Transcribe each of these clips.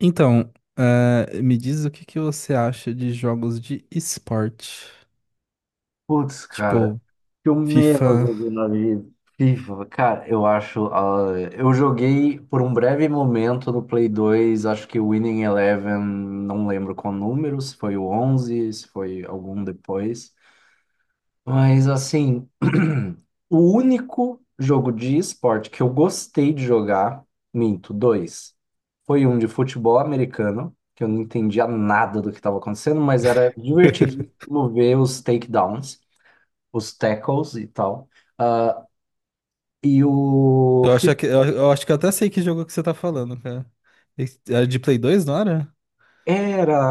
Então, me diz o que que você acha de jogos de esporte, Putz, cara, tipo que eu menos FIFA. joguei na vida. FIFA, cara, eu acho. Eu joguei por um breve momento no Play 2, acho que o Winning Eleven, não lembro qual número, se foi o 11, se foi algum depois. Mas, assim, o único jogo de esporte que eu gostei de jogar, minto, dois, foi um de futebol americano, que eu não entendia nada do que estava acontecendo, mas era divertidíssimo ver os takedowns os tackles e tal. Ah, e Eu acho que, eu acho que eu até sei que jogo que você tá falando, cara. Era de Play 2, não era? era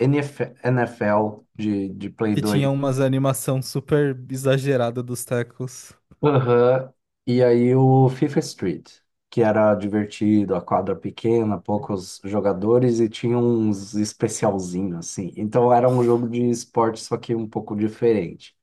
N F L de, Play Que tinha 2. umas animação super exagerada dos tecos. Aham. E aí o FIFA Street, que era divertido, a quadra pequena, poucos jogadores e tinha uns especialzinho assim. Então era um jogo de esporte, só que um pouco diferente.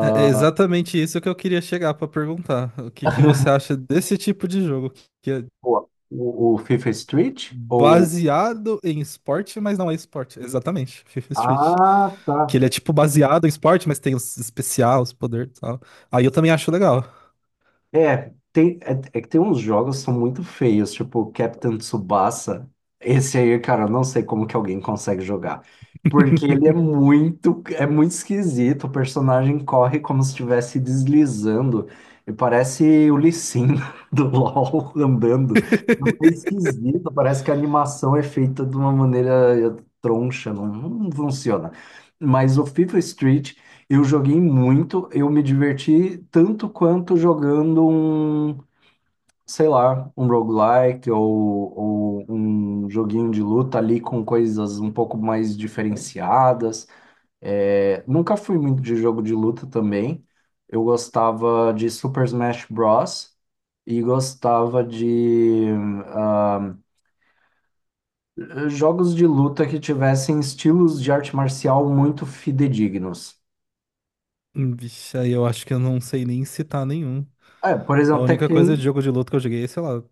É exatamente isso que eu queria chegar pra perguntar. O que que você acha desse tipo de jogo que é o FIFA Street ou... baseado em esporte, mas não é esporte? Exatamente, FIFA Street. Ah, Que ele tá. é tipo baseado em esporte, mas tem os especial, os poderes e tal. Aí eu também acho legal. É, tem, é que tem uns jogos que são muito feios, tipo Captain Tsubasa. Esse aí, cara, eu não sei como que alguém consegue jogar. Porque ele é muito esquisito. O personagem corre como se estivesse deslizando. E parece o Lee Sin do LoL andando. É esquisito, parece que a animação é feita de uma maneira troncha, não, não funciona. Mas o FIFA Street. Eu joguei muito, eu me diverti tanto quanto jogando um, sei lá, um roguelike ou um joguinho de luta ali com coisas um pouco mais diferenciadas. É, nunca fui muito de jogo de luta também. Eu gostava de Super Smash Bros. E gostava de ah, jogos de luta que tivessem estilos de arte marcial muito fidedignos. Vixe, aí eu acho que eu não sei nem citar nenhum. É, por A exemplo, única coisa de Tekken. jogo de luta que eu joguei é, sei lá,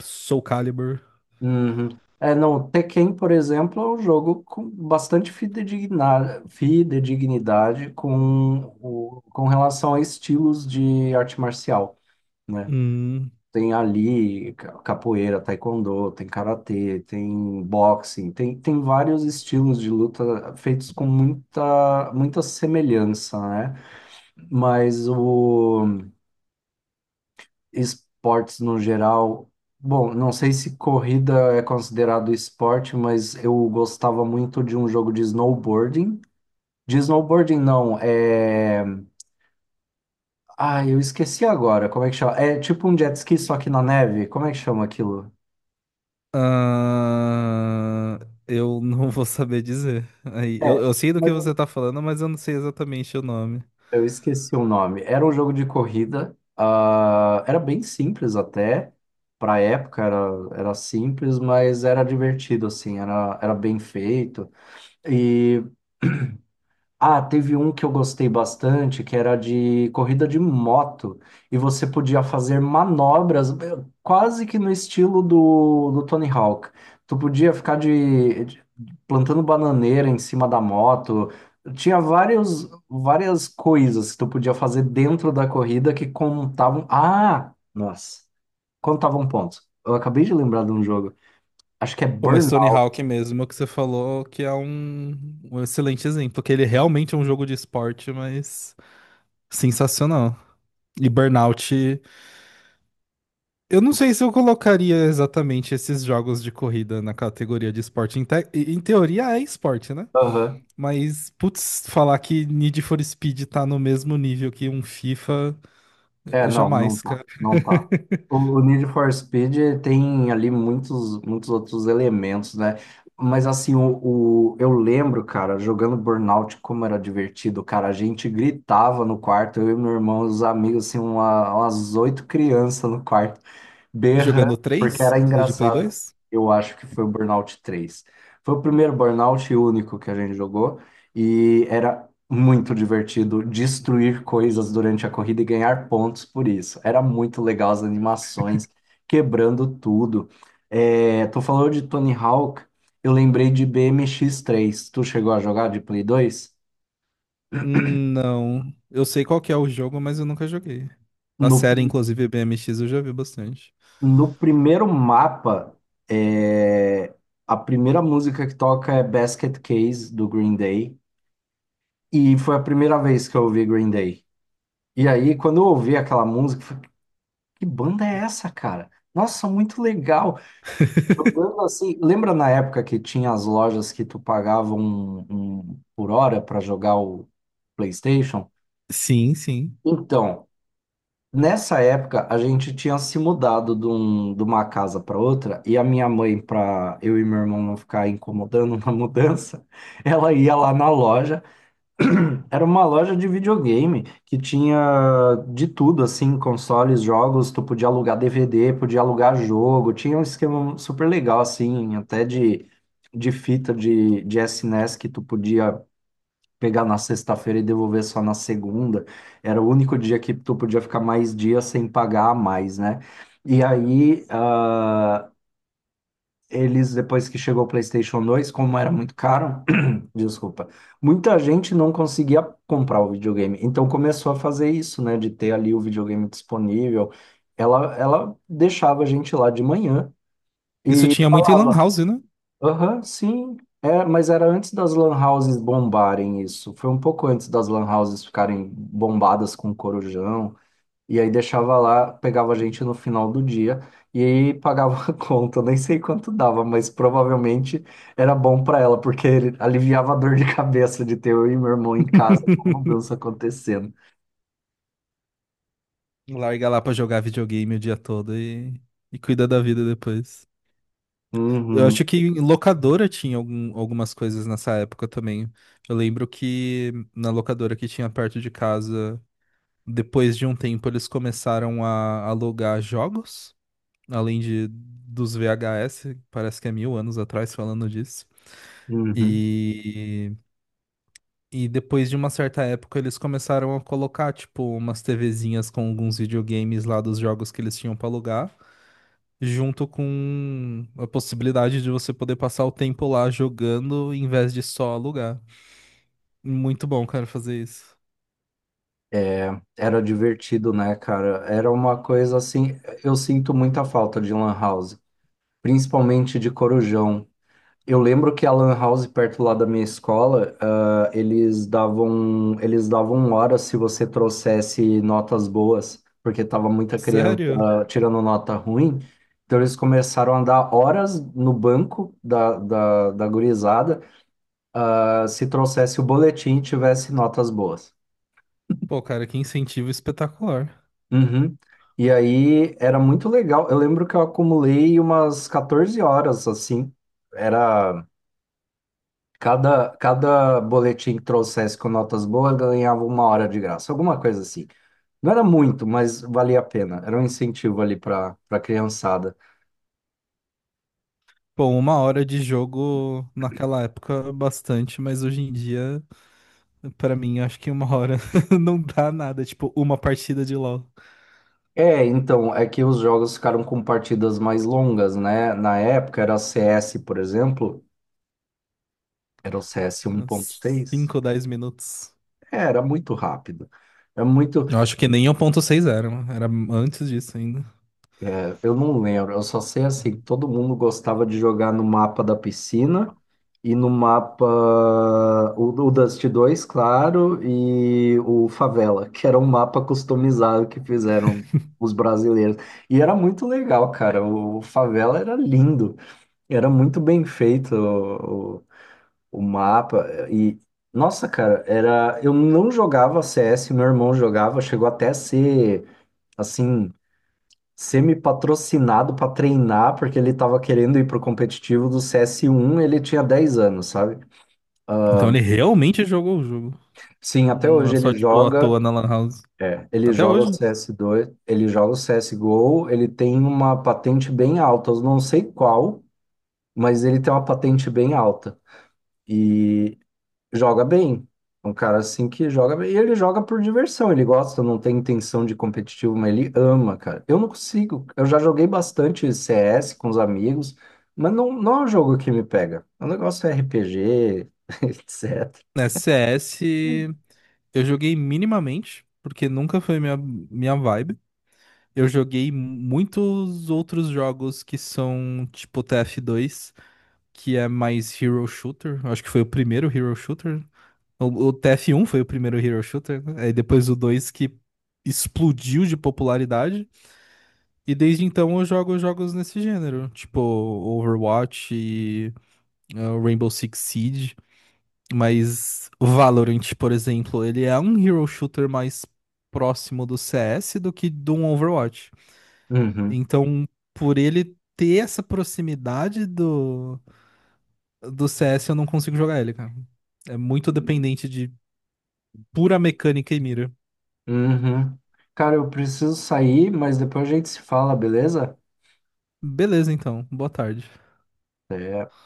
Soul Calibur. Uhum. É, não, o Tekken, por exemplo, é um jogo com bastante fidedignidade com relação a estilos de arte marcial, né? Hum, Tem ali capoeira, taekwondo, tem karatê, tem boxing, tem vários estilos de luta feitos com muita, muita semelhança, né? Mas o esportes no geral. Bom, não sei se corrida é considerado esporte, mas eu gostava muito de um jogo de snowboarding. De snowboarding, não, é. Ah, eu esqueci agora. Como é que chama? É tipo um jet ski, só que na neve. Como é que chama aquilo? ah, eu não vou saber dizer. Aí, É, eu sei do mas que você tá falando, mas eu não sei exatamente o nome. eu esqueci o nome. Era um jogo de corrida. Era bem simples até. Pra época era simples, mas era divertido, assim. Era bem feito. e Ah, teve um que eu gostei bastante, que era de corrida de moto, e você podia fazer manobras quase que no estilo do Tony Hawk. Tu podia ficar plantando bananeira em cima da moto. Tinha várias coisas que tu podia fazer dentro da corrida que contavam. Ah, nossa, contavam pontos. Eu acabei de lembrar de um jogo. Acho que é Pô, mas Tony Burnout. Hawk mesmo, é o que você falou que é um, um excelente exemplo, que ele realmente é um jogo de esporte, mas sensacional. E Burnout, eu não sei se eu colocaria exatamente esses jogos de corrida na categoria de esporte. Em teoria é esporte, né? Mas, putz, falar que Need for Speed tá no mesmo nível que um FIFA, É, não, não jamais, tá, cara. não tá. O Need for Speed tem ali muitos, muitos outros elementos, né? Mas assim, eu lembro, cara, jogando Burnout, como era divertido, cara. A gente gritava no quarto, eu e meu irmão, os amigos, assim, umas 8 crianças no quarto berrando, Jogando porque 3, era do de Play engraçado. 2? Eu acho que foi o Burnout 3. Foi o primeiro Burnout e único que a gente jogou e era muito divertido destruir coisas durante a corrida e ganhar pontos por isso. Era muito legal as animações, quebrando tudo. É, tu falou de Tony Hawk, eu lembrei de BMX 3. Tu chegou a jogar de Play 2? Não. Eu sei qual que é o jogo, mas eu nunca joguei. A série, No inclusive, BMX, eu já vi bastante. No primeiro mapa, é, a primeira música que toca é Basket Case do Green Day. E foi a primeira vez que eu ouvi Green Day. E aí, quando eu ouvi aquela música, eu falei, que banda é essa, cara? Nossa, muito legal. Uma banda assim, lembra na época que tinha as lojas que tu pagava um por hora para jogar o PlayStation? Sim, sim. Então, nessa época, a gente tinha se mudado de, de uma casa para outra, e a minha mãe, para eu e meu irmão não ficar incomodando na mudança, ela ia lá na loja. Era uma loja de videogame que tinha de tudo, assim, consoles, jogos, tu podia alugar DVD, podia alugar jogo, tinha um esquema super legal, assim, até de fita de SNES que tu podia pegar na sexta-feira e devolver só na segunda. Era o único dia que tu podia ficar mais dias sem pagar a mais, né? E aí, eles, depois que chegou o PlayStation 2, como era muito caro, desculpa, muita gente não conseguia comprar o videogame. Então começou a fazer isso, né? De ter ali o videogame disponível. Ela deixava a gente lá de manhã. Isso tinha muito em Lan House, né? Aham, sim. É, mas era antes das lan houses bombarem isso. Foi um pouco antes das lan houses ficarem bombadas com corujão. E aí deixava lá, pegava a gente no final do dia e aí pagava a conta. Eu nem sei quanto dava, mas provavelmente era bom para ela, porque ele aliviava a dor de cabeça de ter eu e meu irmão em casa com a mudança acontecendo. Larga lá pra jogar videogame o dia todo e cuida da vida depois. Eu Uhum, acho que em locadora tinha algumas coisas nessa época também. Eu lembro que na locadora que tinha perto de casa, depois de um tempo, eles começaram a alugar jogos, além de dos VHS. Parece que é mil anos atrás falando disso. uhum. E e depois de uma certa época, eles começaram a colocar, tipo, umas TVzinhas com alguns videogames lá dos jogos que eles tinham pra alugar, junto com a possibilidade de você poder passar o tempo lá jogando em vez de só alugar. Muito bom, cara, fazer isso. É, era divertido, né, cara? Era uma coisa assim. Eu sinto muita falta de lan house, principalmente de Corujão. Eu lembro que a Lan House, perto lá da minha escola, eles davam hora se você trouxesse notas boas, porque tava muita criança Sério? tirando nota ruim. Então eles começaram a dar horas no banco da gurizada, se trouxesse o boletim e tivesse notas boas. Pô, cara, que incentivo espetacular. Uhum. E aí era muito legal. Eu lembro que eu acumulei umas 14 horas, assim. Era. Cada boletim que trouxesse com notas boas ganhava uma hora de graça, alguma coisa assim. Não era muito, mas valia a pena. Era um incentivo ali para criançada. Pô, uma hora de jogo naquela época, bastante, mas hoje em dia, pra mim, acho que uma hora não dá nada. Tipo, uma partida de LoL. É, então, é que os jogos ficaram com partidas mais longas, né? Na época era CS, por exemplo, era o CS Uns 1.6. 5 ou 10 minutos. É, era muito rápido. É muito Eu acho que nem 1.6 era, mano. Era antes disso ainda. É, eu não lembro, eu só sei assim, que todo mundo gostava de jogar no mapa da piscina e no mapa o Dust 2, claro, e o Favela, que era um mapa customizado que fizeram os brasileiros. E era muito legal, cara. O Favela era lindo, era muito bem feito o mapa. E, nossa, cara, era. Eu não jogava CS, meu irmão jogava, chegou até a ser assim semi-patrocinado para treinar, porque ele estava querendo ir pro competitivo do CS1, ele tinha 10 anos, sabe? Então ele realmente jogou o jogo. Sim, até Não é hoje ele só, tipo, à joga, toa na Lan House. é, ele Até joga o hoje. CS2, ele joga o CSGO, ele tem uma patente bem alta, eu não sei qual, mas ele tem uma patente bem alta. E joga bem. É um cara assim que joga bem. E ele joga por diversão, ele gosta, não tem intenção de competitivo, mas ele ama, cara. Eu não consigo. Eu já joguei bastante CS com os amigos, mas não, não é um jogo que me pega. O negócio é RPG, etc. Né, CS eu joguei minimamente, porque nunca foi minha, minha vibe. Eu joguei muitos outros jogos que são tipo TF2, que é mais hero shooter. Eu acho que foi o primeiro hero shooter. O tf um foi o primeiro hero shooter, né? Aí depois o 2 que explodiu de popularidade. E desde então eu jogo jogos nesse gênero, tipo Overwatch e Rainbow Six Siege. Mas o Valorant, por exemplo, ele é um hero shooter mais próximo do CS do que do Overwatch. Uhum, Então, por ele ter essa proximidade do, CS, eu não consigo jogar ele, cara. É muito dependente de pura mecânica e mira. uhum. Cara, eu preciso sair, mas depois a gente se fala, beleza? Beleza, então. Boa tarde. Até.